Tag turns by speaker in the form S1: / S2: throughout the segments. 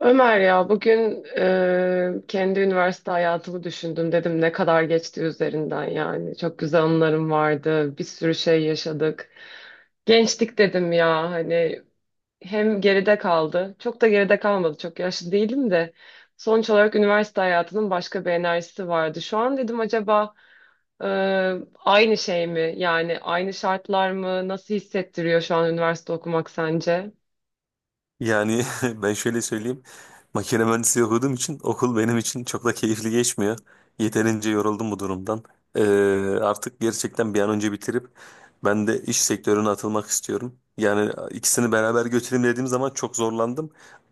S1: Ömer ya bugün kendi üniversite hayatımı düşündüm dedim ne kadar geçti üzerinden yani çok güzel anılarım vardı bir sürü şey yaşadık gençlik dedim ya hani hem geride kaldı çok da geride kalmadı çok yaşlı değilim de sonuç olarak üniversite hayatının başka bir enerjisi vardı şu an dedim acaba e, aynı şey mi yani aynı şartlar mı nasıl hissettiriyor şu an üniversite okumak sence?
S2: Yani ben şöyle söyleyeyim. Makine mühendisliği okuduğum için okul benim için çok da keyifli geçmiyor. Yeterince yoruldum bu durumdan. Ee, artık gerçekten bir an önce bitirip ben de iş sektörüne atılmak istiyorum. Yani ikisini beraber götüreyim dediğim zaman çok zorlandım.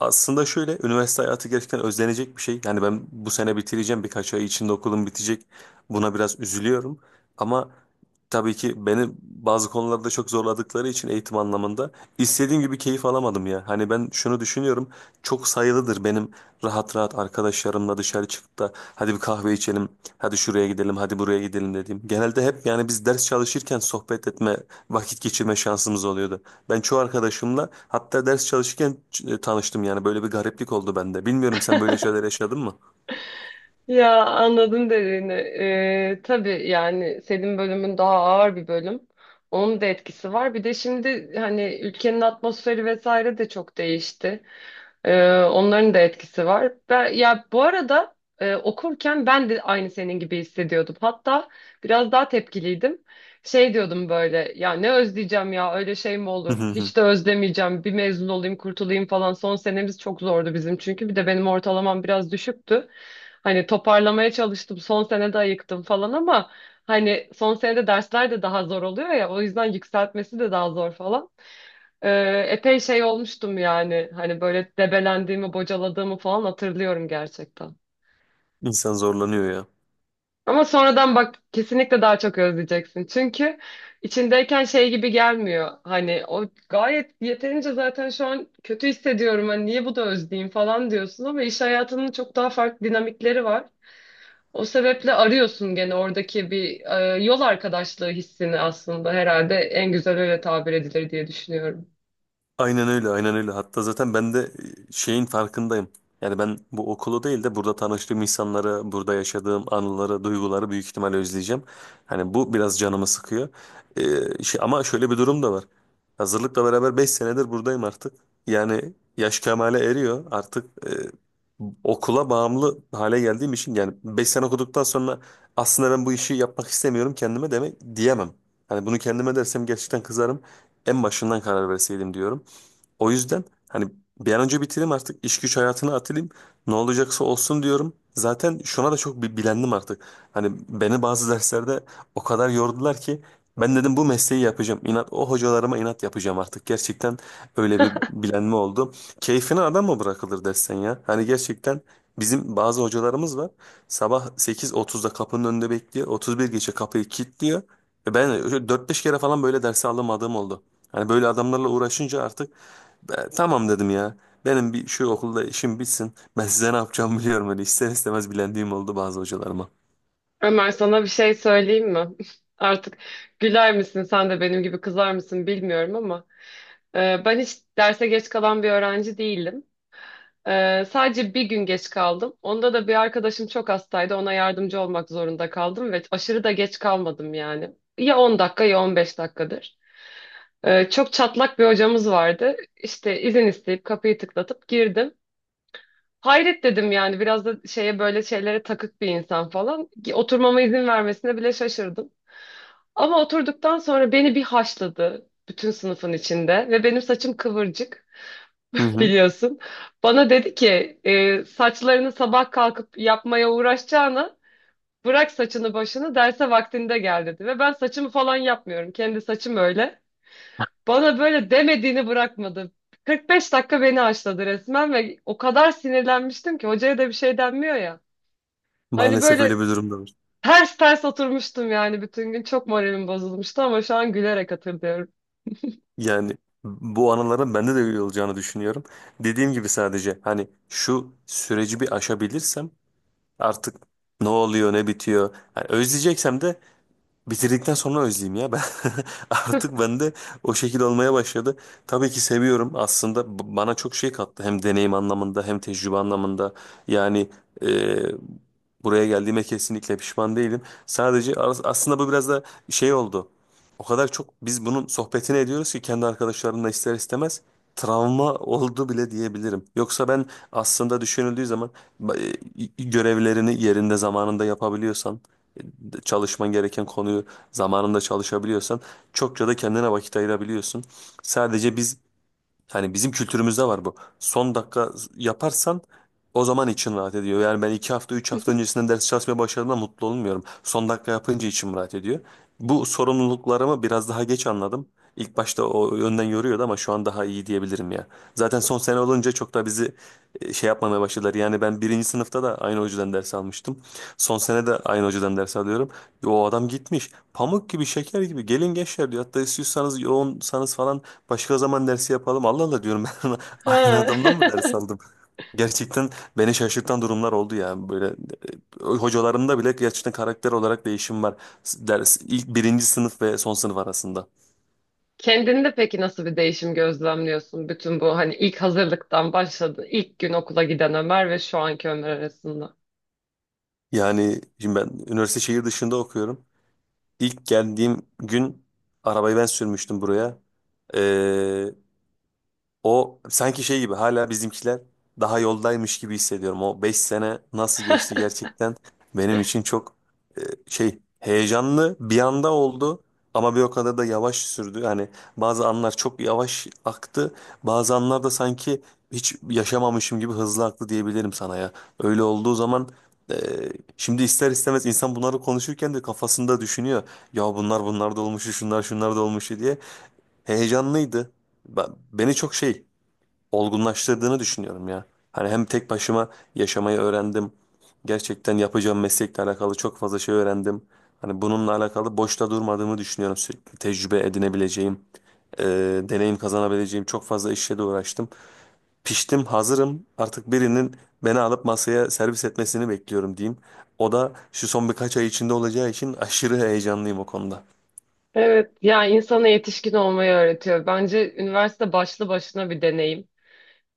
S2: Aslında şöyle üniversite hayatı gerçekten özlenecek bir şey. Yani ben bu sene bitireceğim birkaç ay içinde okulum bitecek. Buna biraz üzülüyorum. Ama tabii ki beni bazı konularda çok zorladıkları için eğitim anlamında İstediğim gibi keyif alamadım ya. Hani ben şunu düşünüyorum. Çok sayılıdır benim rahat rahat arkadaşlarımla dışarı çıkıp da hadi bir kahve içelim, hadi şuraya gidelim, hadi buraya gidelim dediğim. Genelde hep yani biz ders çalışırken sohbet etme, vakit geçirme şansımız oluyordu. Ben çoğu arkadaşımla hatta ders çalışırken tanıştım yani böyle bir gariplik oldu bende. Bilmiyorum sen böyle şeyler yaşadın mı?
S1: Ya anladım dediğini. Tabii yani senin bölümün daha ağır bir bölüm. Onun da etkisi var. Bir de şimdi hani ülkenin atmosferi vesaire de çok değişti. Onların da etkisi var. Ben, ya bu arada okurken ben de aynı senin gibi hissediyordum. Hatta biraz daha tepkiliydim. Şey diyordum böyle ya ne özleyeceğim ya öyle şey mi olur? Hiç de özlemeyeceğim. Bir mezun olayım kurtulayım falan. Son senemiz çok zordu bizim çünkü. Bir de benim ortalamam biraz düşüktü. Hani toparlamaya çalıştım. Son sene de ayıktım falan ama hani son senede dersler de daha zor oluyor ya. O yüzden yükseltmesi de daha zor falan. Epey şey olmuştum yani. Hani böyle debelendiğimi, bocaladığımı falan hatırlıyorum gerçekten.
S2: İnsan zorlanıyor ya.
S1: Ama sonradan bak kesinlikle daha çok özleyeceksin. Çünkü içindeyken şey gibi gelmiyor. Hani o gayet yeterince zaten şu an kötü hissediyorum. Hani niye bu da özleyeyim falan diyorsun ama iş hayatının çok daha farklı dinamikleri var. O sebeple arıyorsun gene oradaki bir yol arkadaşlığı hissini aslında herhalde en güzel öyle tabir edilir diye düşünüyorum.
S2: Aynen öyle, aynen öyle. Hatta zaten ben de şeyin farkındayım. Yani ben bu okulu değil de burada tanıştığım insanları, burada yaşadığım anıları, duyguları büyük ihtimalle özleyeceğim. Hani bu biraz canımı sıkıyor. Şey, ama şöyle bir durum da var. Hazırlıkla beraber 5 senedir buradayım artık. Yani yaş kemale eriyor. Artık okula bağımlı hale geldiğim için yani 5 sene okuduktan sonra aslında ben bu işi yapmak istemiyorum kendime demek diyemem. Hani bunu kendime dersem gerçekten kızarım. En başından karar verseydim diyorum. O yüzden hani bir an önce bitireyim artık iş güç hayatına atılayım. Ne olacaksa olsun diyorum. Zaten şuna da çok bilendim artık. Hani beni bazı derslerde o kadar yordular ki ben dedim bu mesleği yapacağım. İnat o hocalarıma inat yapacağım artık. Gerçekten öyle bir bilenme oldu. Keyfine adam mı bırakılır dersen ya? Hani gerçekten bizim bazı hocalarımız var. Sabah 8.30'da kapının önünde bekliyor. 31 geçe kapıyı kilitliyor. Ve ben dört beş kere falan böyle dersi alamadığım oldu. Hani böyle adamlarla uğraşınca artık "E, tamam dedim ya. Benim bir şu okulda işim bitsin. Ben size ne yapacağımı biliyorum. Hani ister istemez bilendiğim oldu bazı hocalarıma.
S1: Ömer sana bir şey söyleyeyim mi? Artık güler misin sen de benim gibi kızar mısın bilmiyorum ama ben hiç derse geç kalan bir öğrenci değilim. Sadece bir gün geç kaldım. Onda da bir arkadaşım çok hastaydı. Ona yardımcı olmak zorunda kaldım ve aşırı da geç kalmadım yani. Ya 10 dakika ya 15 dakikadır. Çok çatlak bir hocamız vardı. İşte izin isteyip kapıyı tıklatıp girdim. Hayret dedim yani biraz da şeye böyle şeylere takık bir insan falan. Oturmama izin vermesine bile şaşırdım. Ama oturduktan sonra beni bir haşladı bütün sınıfın içinde ve benim saçım kıvırcık
S2: Hı hı.
S1: biliyorsun. Bana dedi ki saçlarını sabah kalkıp yapmaya uğraşacağına bırak saçını başını derse vaktinde gel dedi. Ve ben saçımı falan yapmıyorum kendi saçım öyle. Bana böyle demediğini bırakmadı. 45 dakika beni haşladı resmen ve o kadar sinirlenmiştim ki hocaya da bir şey denmiyor ya. Hani
S2: Maalesef öyle
S1: böyle
S2: bir durumda var.
S1: ters ters oturmuştum yani bütün gün çok moralim bozulmuştu ama şu an gülerek hatırlıyorum.
S2: Yani bu anıların bende de öyle olacağını düşünüyorum. Dediğim gibi sadece hani şu süreci bir aşabilirsem artık ne oluyor ne bitiyor. Yani özleyeceksem de bitirdikten sonra özleyeyim ya ben. Artık bende o şekil olmaya başladı. Tabii ki seviyorum aslında bana çok şey kattı hem deneyim anlamında hem tecrübe anlamında yani, e, buraya geldiğime kesinlikle pişman değilim. Sadece aslında bu biraz da şey oldu o kadar çok biz bunun sohbetini ediyoruz ki kendi arkadaşlarımla ister istemez travma oldu bile diyebilirim. Yoksa ben aslında düşünüldüğü zaman görevlerini yerinde zamanında yapabiliyorsan çalışman gereken konuyu zamanında çalışabiliyorsan çokça da kendine vakit ayırabiliyorsun. Sadece biz, hani bizim kültürümüzde var bu. Son dakika yaparsan o zaman için rahat ediyor. Yani ben 2 hafta, 3 hafta öncesinden ders çalışmaya başladığımda mutlu olmuyorum. Son dakika yapınca içim rahat ediyor. Bu sorumluluklarımı biraz daha geç anladım. İlk başta o yönden yoruyordu ama şu an daha iyi diyebilirim ya. Zaten son sene olunca çok da bizi şey yapmamaya başladılar. Yani ben birinci sınıfta da aynı hocadan ders almıştım. Son sene de aynı hocadan ders alıyorum. O adam gitmiş. Pamuk gibi, şeker gibi. Gelin gençler diyor. Hatta istiyorsanız yoğunsanız falan başka zaman dersi yapalım. Allah Allah diyorum ben aynı
S1: Ha.
S2: adamdan mı ders aldım? Gerçekten beni şaşırtan durumlar oldu ya. Böyle hocalarımda bile gerçekten karakter olarak değişim var. Ders ilk birinci sınıf ve son sınıf arasında.
S1: Kendinde peki nasıl bir değişim gözlemliyorsun? Bütün bu hani ilk hazırlıktan başladı, ilk gün okula giden Ömer ve şu anki Ömer arasında.
S2: Yani şimdi ben üniversite şehir dışında okuyorum. İlk geldiğim gün arabayı ben sürmüştüm buraya. O sanki şey gibi hala bizimkiler daha yoldaymış gibi hissediyorum. O 5 sene nasıl geçti gerçekten benim için çok, e, şey heyecanlı bir anda oldu ama bir o kadar da yavaş sürdü. Yani bazı anlar çok yavaş aktı bazı anlar da sanki hiç yaşamamışım gibi hızlı aktı diyebilirim sana ya. Öyle olduğu zaman e, şimdi ister istemez insan bunları konuşurken de kafasında düşünüyor. Ya bunlar bunlar da olmuştu şunlar şunlar da olmuştu diye heyecanlıydı. Beni çok şey olgunlaştırdığını düşünüyorum ya. Hani hem tek başıma yaşamayı öğrendim. Gerçekten yapacağım meslekle alakalı çok fazla şey öğrendim. Hani bununla alakalı boşta durmadığımı düşünüyorum. Sürekli tecrübe edinebileceğim, e, deneyim kazanabileceğim çok fazla işle de uğraştım. Piştim, hazırım. Artık birinin beni alıp masaya servis etmesini bekliyorum diyeyim. O da şu son birkaç ay içinde olacağı için aşırı heyecanlıyım o konuda.
S1: Evet, yani insana yetişkin olmayı öğretiyor. Bence üniversite başlı başına bir deneyim.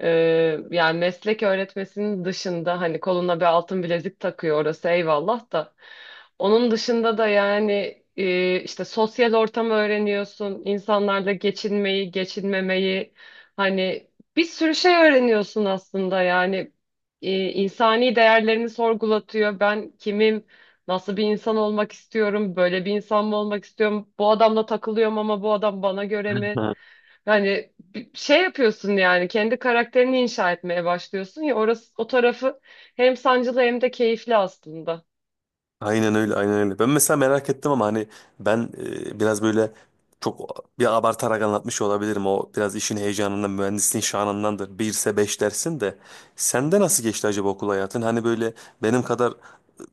S1: Yani meslek öğretmesinin dışında hani koluna bir altın bilezik takıyor orası eyvallah da. Onun dışında da yani işte sosyal ortamı öğreniyorsun, insanlarla geçinmeyi, geçinmemeyi hani bir sürü şey öğreniyorsun aslında yani insani değerlerini sorgulatıyor. Ben kimim? Nasıl bir insan olmak istiyorum? Böyle bir insan mı olmak istiyorum? Bu adamla takılıyorum ama bu adam bana göre mi? Yani bir şey yapıyorsun yani kendi karakterini inşa etmeye başlıyorsun ya orası o tarafı hem sancılı hem de keyifli aslında.
S2: Aynen öyle, aynen öyle. Ben mesela merak ettim ama hani ben, biraz böyle çok bir abartarak anlatmış olabilirim. O biraz işin heyecanından, mühendisliğin şanındandır. Bir Birse beş dersin de. Sende nasıl geçti acaba okul hayatın? Hani böyle benim kadar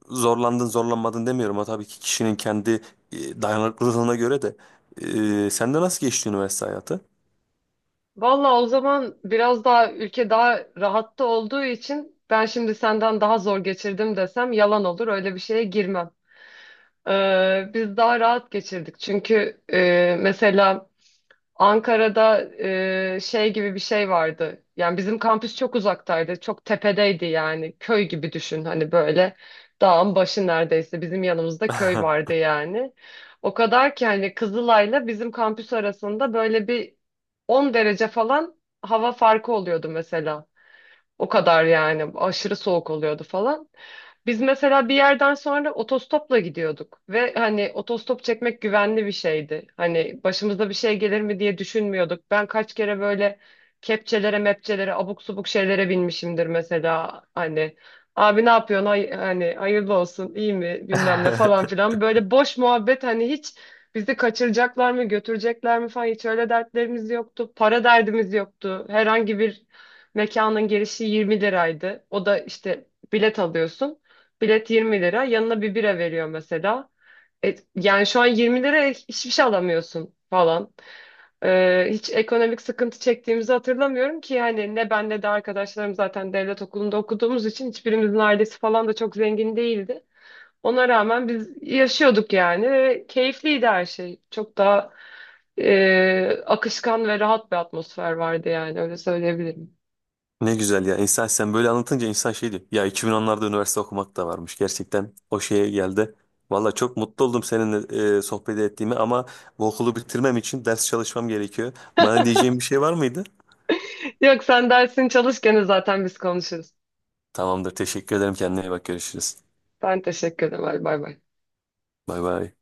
S2: zorlandın, zorlanmadın demiyorum. O tabii ki kişinin kendi dayanıklılığına göre de. E, sende nasıl geçti üniversite hayatı?
S1: Valla o zaman biraz daha ülke daha rahatta olduğu için ben şimdi senden daha zor geçirdim desem yalan olur öyle bir şeye girmem. Biz daha rahat geçirdik çünkü mesela Ankara'da şey gibi bir şey vardı. Yani bizim kampüs çok uzaktaydı. Çok tepedeydi yani. Köy gibi düşün hani böyle. Dağın başı neredeyse. Bizim yanımızda köy vardı yani. O kadar ki hani Kızılay'la bizim kampüs arasında böyle bir 10 derece falan hava farkı oluyordu mesela. O kadar yani aşırı soğuk oluyordu falan. Biz mesela bir yerden sonra otostopla gidiyorduk ve hani otostop çekmek güvenli bir şeydi. Hani başımıza bir şey gelir mi diye düşünmüyorduk. Ben kaç kere böyle kepçelere, mepçelere, abuk subuk şeylere binmişimdir mesela. Hani abi ne yapıyorsun? Hani hayırlı olsun, iyi mi? Bilmem ne falan filan. Böyle boş muhabbet hani hiç bizi kaçıracaklar mı, götürecekler mi falan hiç öyle dertlerimiz yoktu. Para derdimiz yoktu. Herhangi bir mekanın girişi 20 liraydı. O da işte bilet alıyorsun. Bilet 20 lira. Yanına bir bira veriyor mesela. Yani şu an 20 liraya hiçbir şey alamıyorsun falan. Hiç ekonomik sıkıntı çektiğimizi hatırlamıyorum ki hani ne ben ne de arkadaşlarım zaten devlet okulunda okuduğumuz için hiçbirimizin ailesi falan da çok zengin değildi. Ona rağmen biz yaşıyorduk yani ve keyifliydi her şey. Çok daha akışkan ve rahat bir atmosfer vardı yani öyle söyleyebilirim.
S2: Ne güzel ya. İnsan sen böyle anlatınca insan şey diyor. Ya 2010'larda üniversite okumak da varmış. Gerçekten o şeye geldi. Valla çok mutlu oldum seninle, sohbet ettiğime ama bu okulu bitirmem için ders çalışmam gerekiyor. Bana diyeceğin bir şey var mıydı?
S1: Yok sen dersini çalışken zaten biz konuşuruz.
S2: Tamamdır. Teşekkür ederim. Kendine iyi bak. Görüşürüz.
S1: Ben teşekkür ederim. Bay bay.
S2: Bay bay.